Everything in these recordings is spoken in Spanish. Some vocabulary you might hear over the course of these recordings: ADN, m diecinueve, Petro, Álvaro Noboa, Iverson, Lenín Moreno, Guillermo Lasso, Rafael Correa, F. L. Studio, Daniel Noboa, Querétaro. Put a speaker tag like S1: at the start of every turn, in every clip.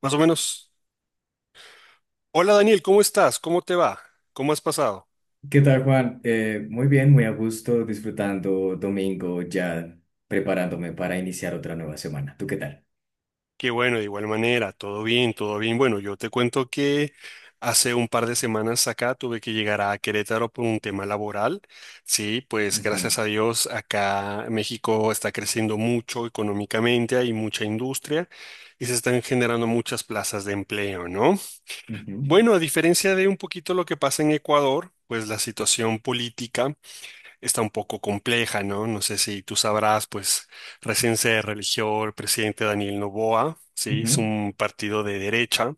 S1: Más o menos. Hola Daniel, ¿cómo estás? ¿Cómo te va? ¿Cómo has pasado?
S2: ¿Qué tal, Juan? Muy bien, muy a gusto, disfrutando domingo, ya preparándome para iniciar otra nueva semana. ¿Tú qué tal?
S1: Qué bueno, de igual manera, todo bien, todo bien. Bueno, yo te cuento que hace un par de semanas acá tuve que llegar a Querétaro por un tema laboral. Sí, pues
S2: Ujú,
S1: gracias a Dios acá México está creciendo mucho económicamente, hay mucha industria y se están generando muchas plazas de empleo, ¿no?
S2: ujú,
S1: Bueno, a diferencia de un poquito lo que pasa en Ecuador, pues la situación política está un poco compleja, ¿no? No sé si tú sabrás, pues recién se religió el presidente Daniel Noboa, ¿sí? Es
S2: ujú,
S1: un partido de derecha,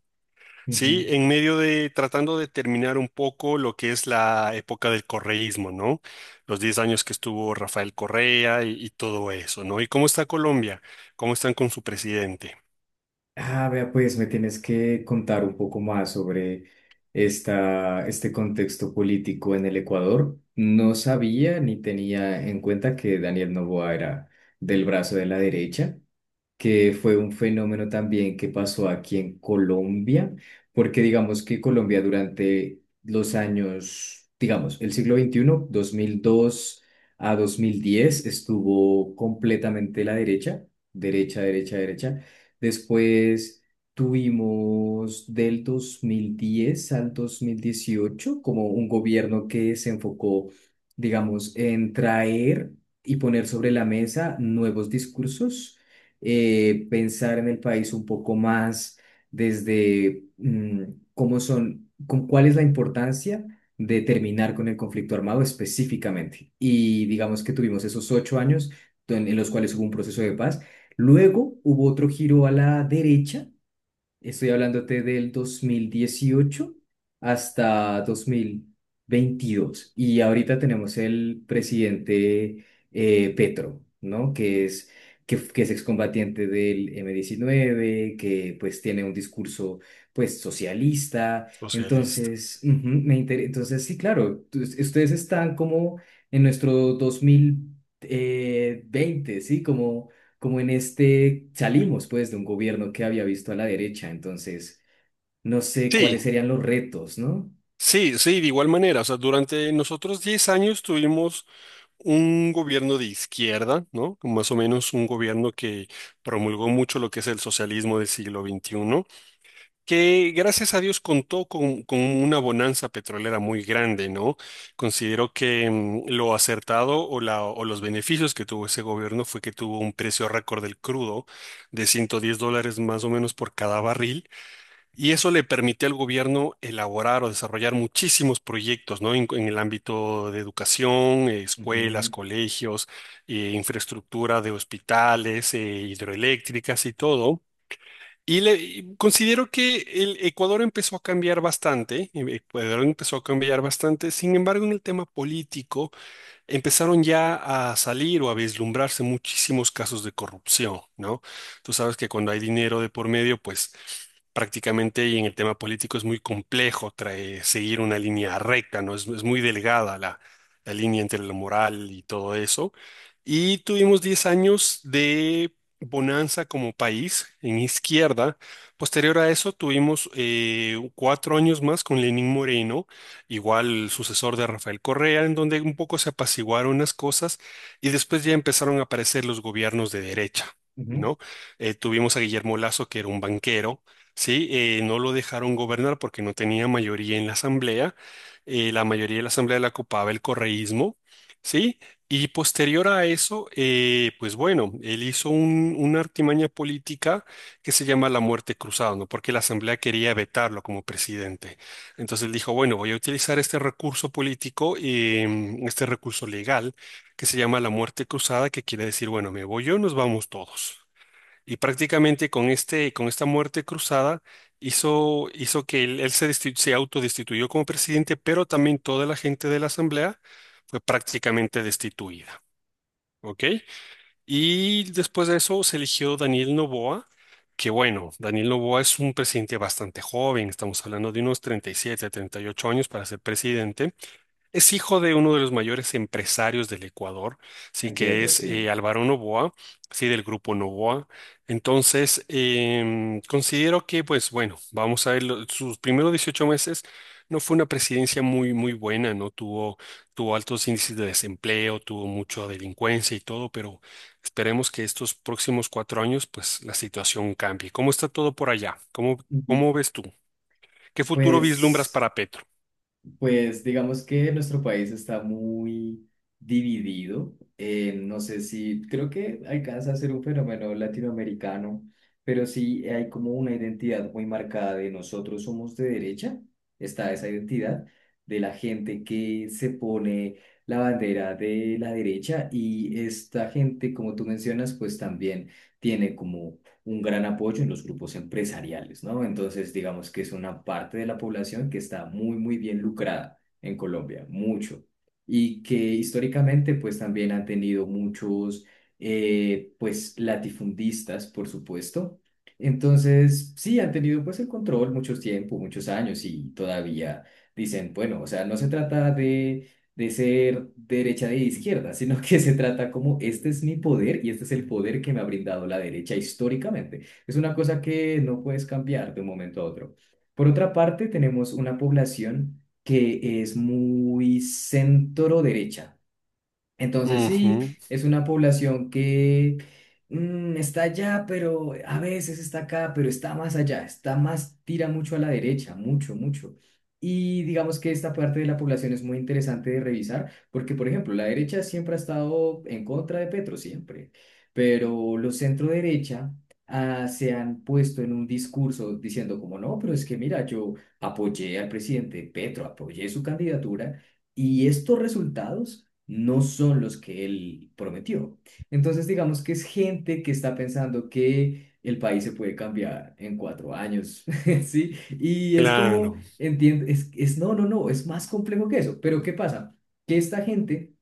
S1: ¿sí?
S2: ujú.
S1: En medio de tratando de terminar un poco lo que es la época del correísmo, ¿no? Los 10 años que estuvo Rafael Correa y todo eso, ¿no? ¿Y cómo está Colombia? ¿Cómo están con su presidente
S2: Ah, vea, pues me tienes que contar un poco más sobre este contexto político en el Ecuador. No sabía ni tenía en cuenta que Daniel Noboa era del brazo de la derecha, que fue un fenómeno también que pasó aquí en Colombia, porque digamos que Colombia durante los años, digamos, el siglo XXI, 2002 a 2010 estuvo completamente la derecha, derecha, derecha, derecha. Después tuvimos del 2010 al 2018 como un gobierno que se enfocó, digamos, en traer y poner sobre la mesa nuevos discursos, pensar en el país un poco más desde con cuál es la importancia de terminar con el conflicto armado específicamente. Y digamos que tuvimos esos 8 años en los cuales hubo un proceso de paz. Luego hubo otro giro a la derecha. Estoy hablándote del 2018 hasta 2022. Y ahorita tenemos el presidente Petro, ¿no? Que es excombatiente del M-19, que pues tiene un discurso pues socialista.
S1: socialista?
S2: Entonces, ujú, Entonces, sí, claro, ustedes están como en nuestro dos mil veinte, ¿sí? Como en este, salimos pues de un gobierno que había visto a la derecha, entonces no sé
S1: Sí.
S2: cuáles serían los retos, ¿no?
S1: Sí, sí, de igual manera. O sea, durante nosotros 10 años tuvimos un gobierno de izquierda, ¿no? Más o menos un gobierno que promulgó mucho lo que es el socialismo del siglo XXI, que gracias a Dios contó con una bonanza petrolera muy grande, ¿no? Considero que lo acertado o los beneficios que tuvo ese gobierno fue que tuvo un precio récord del crudo de 110 dólares más o menos por cada barril y eso le permite al gobierno elaborar o desarrollar muchísimos proyectos, ¿no? En el ámbito de educación, escuelas,
S2: Ujú,
S1: colegios, infraestructura de hospitales, hidroeléctricas y todo. Y considero que el Ecuador empezó a cambiar bastante, sin embargo, en el tema político empezaron ya a salir o a vislumbrarse muchísimos casos de corrupción, ¿no? Tú sabes que cuando hay dinero de por medio, pues prácticamente y en el tema político es muy complejo seguir una línea recta, ¿no? Es muy delgada la, la línea entre lo moral y todo eso. Y tuvimos 10 años de bonanza como país en izquierda. Posterior a eso tuvimos 4 años más con Lenín Moreno, igual el sucesor de Rafael Correa, en donde un poco se apaciguaron unas cosas y después ya empezaron a aparecer los gobiernos de derecha,
S2: ujú.
S1: ¿no? Tuvimos a Guillermo Lasso, que era un banquero, ¿sí? No lo dejaron gobernar porque no tenía mayoría en la asamblea, la mayoría de la asamblea la ocupaba el correísmo, ¿sí? Y posterior a eso, pues bueno, él hizo una artimaña política que se llama la muerte cruzada, ¿no? Porque la Asamblea quería vetarlo como presidente. Entonces dijo, bueno, voy a utilizar este recurso político y este recurso legal que se llama la muerte cruzada, que quiere decir, bueno, me voy yo, nos vamos todos. Y prácticamente con esta muerte cruzada hizo que él se autodestituyó como presidente, pero también toda la gente de la asamblea fue prácticamente destituida. ¿Ok? Y después de eso se eligió Daniel Noboa, que bueno, Daniel Noboa es un presidente bastante joven, estamos hablando de unos 37 38 años para ser presidente. Es hijo de uno de los mayores empresarios del Ecuador, sí que
S2: Entiendo,
S1: es
S2: sí.
S1: Álvaro Noboa, sí, del grupo Noboa. Entonces, considero que, pues bueno, vamos a ver, sus primeros 18 meses no fue una presidencia muy, muy buena, ¿no? Tuvo altos índices de desempleo, tuvo mucha delincuencia y todo, pero esperemos que estos próximos 4 años, pues la situación cambie. ¿Cómo está todo por allá? ¿Cómo,
S2: Ujú.
S1: cómo ves tú? ¿Qué futuro vislumbras
S2: Pues...
S1: para Petro?
S2: Pues digamos que nuestro país está muy dividido. No sé si, creo que alcanza a ser un fenómeno latinoamericano, pero sí hay como una identidad muy marcada de nosotros somos de derecha. Está esa identidad de la gente que se pone la bandera de la derecha, y esta gente, como tú mencionas, pues también tiene como un gran apoyo en los grupos empresariales, ¿no? Entonces, digamos que es una parte de la población que está muy, muy bien lucrada en Colombia, mucho, y que históricamente, pues también han tenido muchos, pues, latifundistas, por supuesto. Entonces, sí, han tenido pues el control mucho tiempo, muchos años, y todavía dicen, bueno, o sea, no se trata de ser derecha de izquierda, sino que se trata como este es mi poder y este es el poder que me ha brindado la derecha históricamente. Es una cosa que no puedes cambiar de un momento a otro. Por otra parte, tenemos una población que es muy centro derecha. Entonces sí,
S1: Ujú,
S2: es una población que está allá, pero a veces está acá, pero está más allá, está más, tira mucho a la derecha, mucho, mucho. Y digamos que esta parte de la población es muy interesante de revisar, porque por ejemplo, la derecha siempre ha estado en contra de Petro, siempre, pero los centro derecha, ah, se han puesto en un discurso diciendo como no, pero es que mira, yo apoyé al presidente Petro, apoyé su candidatura. Y estos resultados no son los que él prometió. Entonces, digamos que es gente que está pensando que el país se puede cambiar en 4 años, ¿sí? Y es como,
S1: claro.
S2: entiende, es, no, no, no, es más complejo que eso. Pero ¿qué pasa? Que esta gente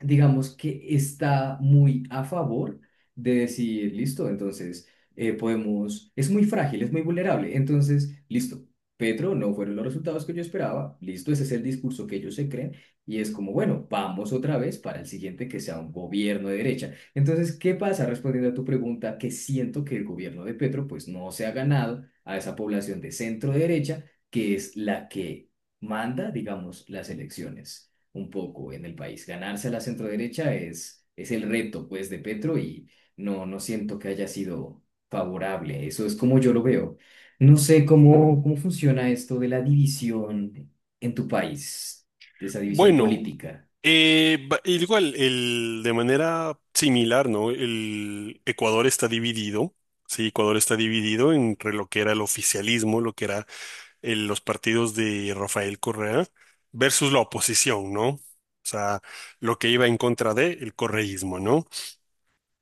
S2: digamos que está muy a favor de decir, listo, entonces podemos, es muy frágil, es muy vulnerable, entonces, listo, Petro, no fueron los resultados que yo esperaba, listo, ese es el discurso que ellos se creen, y es como, bueno, vamos otra vez para el siguiente que sea un gobierno de derecha. Entonces, ¿qué pasa? Respondiendo a tu pregunta, que siento que el gobierno de Petro pues no se ha ganado a esa población de centro derecha, que es la que manda, digamos, las elecciones un poco en el país. Ganarse a la centroderecha es el reto, pues, de Petro, y no siento que haya sido favorable. Eso es como yo lo veo. No sé cómo funciona esto de la división en tu país, de esa división
S1: Bueno,
S2: política.
S1: de manera similar, ¿no? El Ecuador está dividido, sí, Ecuador está dividido entre lo que era el oficialismo, lo que era los partidos de Rafael Correa, versus la oposición, ¿no? O sea, lo que iba en contra de el correísmo, ¿no?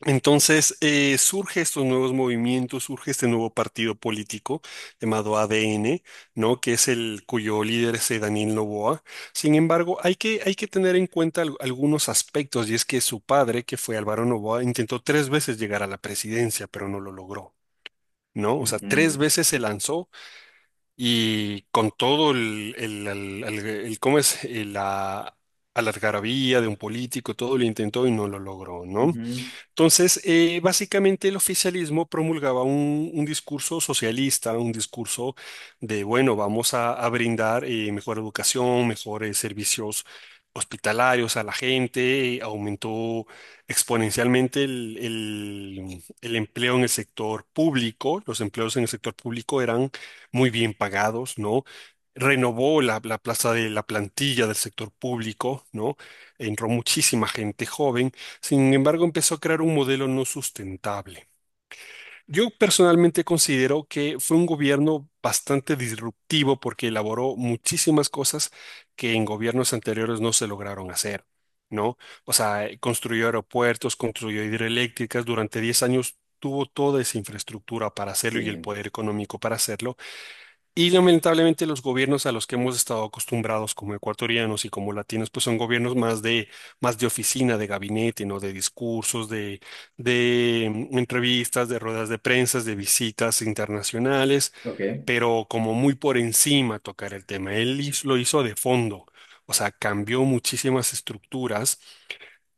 S1: Entonces, surge estos nuevos movimientos, surge este nuevo partido político llamado ADN, ¿no? Que es el cuyo líder es Daniel Noboa. Sin embargo, hay que tener en cuenta algunos aspectos, y es que su padre, que fue Álvaro Noboa, intentó tres veces llegar a la presidencia, pero no lo logró. ¿No? O sea, tres veces se lanzó y con todo el ¿cómo es? la algarabía de un político, todo lo intentó y no lo logró,
S2: Ujú,
S1: ¿no?
S2: ujú,
S1: Entonces, básicamente el oficialismo promulgaba un discurso socialista, un discurso de, bueno, vamos a brindar mejor educación, mejores servicios hospitalarios a la gente, aumentó exponencialmente el empleo en el sector público, los empleos en el sector público eran muy bien pagados, ¿no? Renovó la plaza de la plantilla del sector público, ¿no? Entró muchísima gente joven, sin embargo, empezó a crear un modelo no sustentable. Yo personalmente considero que fue un gobierno bastante disruptivo porque elaboró muchísimas cosas que en gobiernos anteriores no se lograron hacer, ¿no? O sea, construyó aeropuertos, construyó hidroeléctricas, durante 10 años tuvo toda esa infraestructura para hacerlo y el
S2: sí,
S1: poder económico para hacerlo, y lamentablemente los gobiernos a los que hemos estado acostumbrados como ecuatorianos y como latinos, pues son gobiernos más de oficina, de gabinete, ¿no? De discursos, de entrevistas, de ruedas de prensa, de visitas internacionales,
S2: ok.
S1: pero como muy por encima tocar el tema. Él lo hizo de fondo. O sea, cambió muchísimas estructuras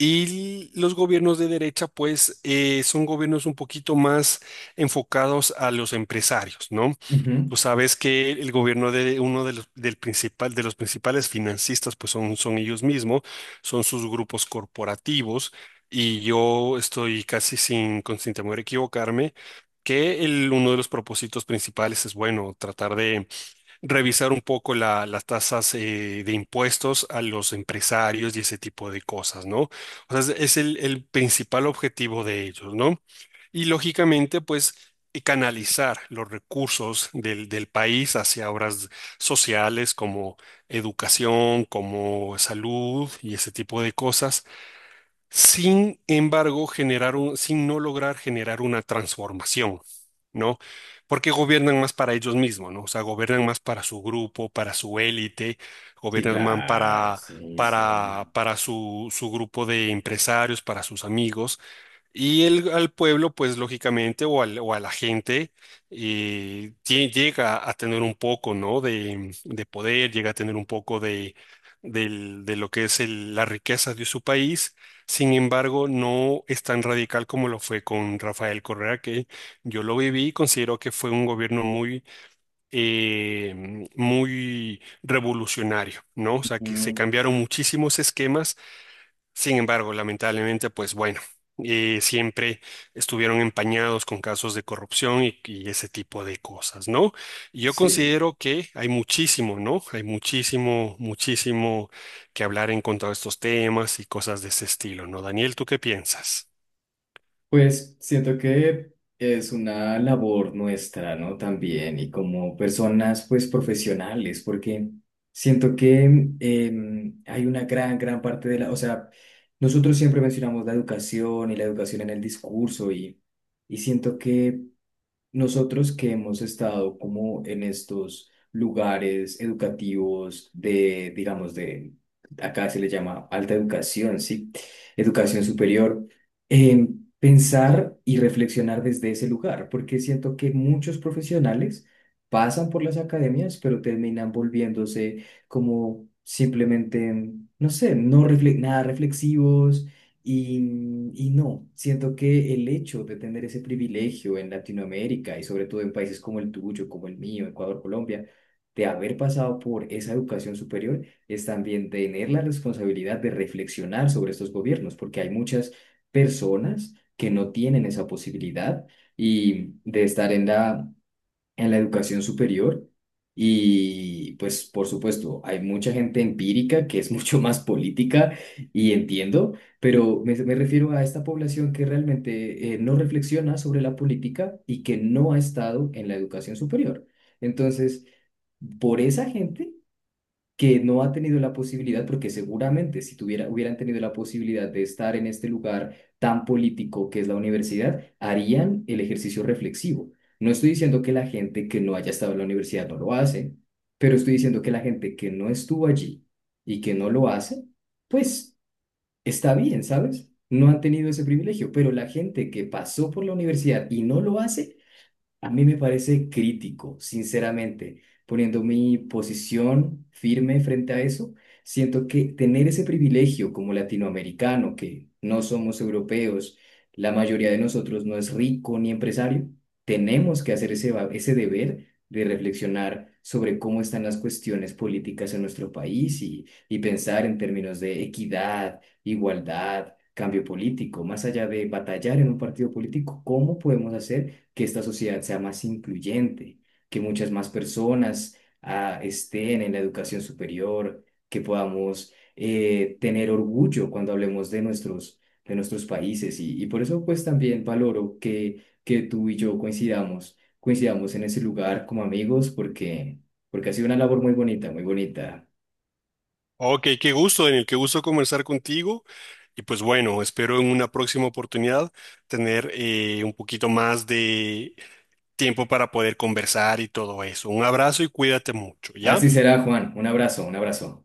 S1: y los gobiernos de derecha, pues, son gobiernos un poquito más enfocados a los empresarios, ¿no? Tú
S2: Ujú,
S1: sabes que el gobierno de uno de los, del principal, de los principales financistas, pues son, son ellos mismos, son sus grupos corporativos, y yo estoy casi sin temor a equivocarme, que el, uno de los propósitos principales es, bueno, tratar de revisar un poco las tasas de impuestos a los empresarios y ese tipo de cosas, ¿no? O sea, es el principal objetivo de ellos, ¿no? Y lógicamente, pues, canalizar los recursos del país hacia obras sociales como educación, como salud y ese tipo de cosas, sin embargo, sin no lograr generar una transformación, ¿no? Porque gobiernan más para ellos mismos, ¿no? O sea, gobiernan más para su grupo, para su élite,
S2: sí,
S1: gobiernan más
S2: claro, sí, sí.
S1: para, su grupo de empresarios, para sus amigos, y el, al pueblo, pues lógicamente, o, o a la gente, llega a tener un poco, ¿no? De poder, llega a tener un poco de, de lo que es la riqueza de su país. Sin embargo, no es tan radical como lo fue con Rafael Correa, que yo lo viví y considero que fue un gobierno muy, muy revolucionario, ¿no? O sea, que se
S2: Ujú,
S1: cambiaron muchísimos esquemas, sin embargo, lamentablemente, pues bueno, siempre estuvieron empañados con casos de corrupción y ese tipo de cosas, ¿no? Y yo
S2: sí.
S1: considero que hay muchísimo, ¿no? Hay muchísimo, muchísimo que hablar en cuanto a estos temas y cosas de ese estilo, ¿no? Daniel, ¿tú qué piensas?
S2: Pues siento que es una labor nuestra, ¿no? También, y como personas, pues profesionales, porque siento que hay una gran, gran parte de la, o sea, nosotros siempre mencionamos la educación y la educación en el discurso, y siento que nosotros que hemos estado como en estos lugares educativos de, digamos, de, acá se le llama alta educación, ¿sí? Educación superior, eh, pensar y reflexionar desde ese lugar, porque siento que muchos profesionales pasan por las academias, pero terminan volviéndose como simplemente, no sé, nada reflexivos, y no, siento que el hecho de tener ese privilegio en Latinoamérica, y sobre todo en países como el tuyo, como el mío, Ecuador, Colombia, de haber pasado por esa educación superior, es también tener la responsabilidad de reflexionar sobre estos gobiernos, porque hay muchas personas que no tienen esa posibilidad y de estar en la educación superior, y pues por supuesto hay mucha gente empírica que es mucho más política, y entiendo, pero me refiero a esta población que realmente no reflexiona sobre la política y que no ha estado en la educación superior. Entonces, por esa gente que no ha tenido la posibilidad, porque seguramente si tuviera, hubieran tenido la posibilidad de estar en este lugar tan político que es la universidad, harían el ejercicio reflexivo. No estoy diciendo que la gente que no haya estado en la universidad no lo hace, pero estoy diciendo que la gente que no estuvo allí y que no lo hace, pues está bien, ¿sabes? No han tenido ese privilegio, pero la gente que pasó por la universidad y no lo hace, a mí me parece crítico, sinceramente, poniendo mi posición firme frente a eso. Siento que tener ese privilegio como latinoamericano, que no somos europeos, la mayoría de nosotros no es rico ni empresario, tenemos que hacer ese deber de reflexionar sobre cómo están las cuestiones políticas en nuestro país, y pensar en términos de equidad, igualdad, cambio político, más allá de batallar en un partido político. ¿Cómo podemos hacer que esta sociedad sea más incluyente, que muchas más personas estén en la educación superior, que podamos tener orgullo cuando hablemos de nuestros países? Y por eso pues también valoro que tú y yo coincidamos, coincidamos en ese lugar como amigos, porque porque ha sido una labor muy bonita, muy bonita.
S1: Ok, qué gusto, Daniel, qué gusto conversar contigo. Y pues bueno, espero en una próxima oportunidad tener un poquito más de tiempo para poder conversar y todo eso. Un abrazo y cuídate mucho,
S2: Así
S1: ¿ya?
S2: será, Juan. Un abrazo, un abrazo.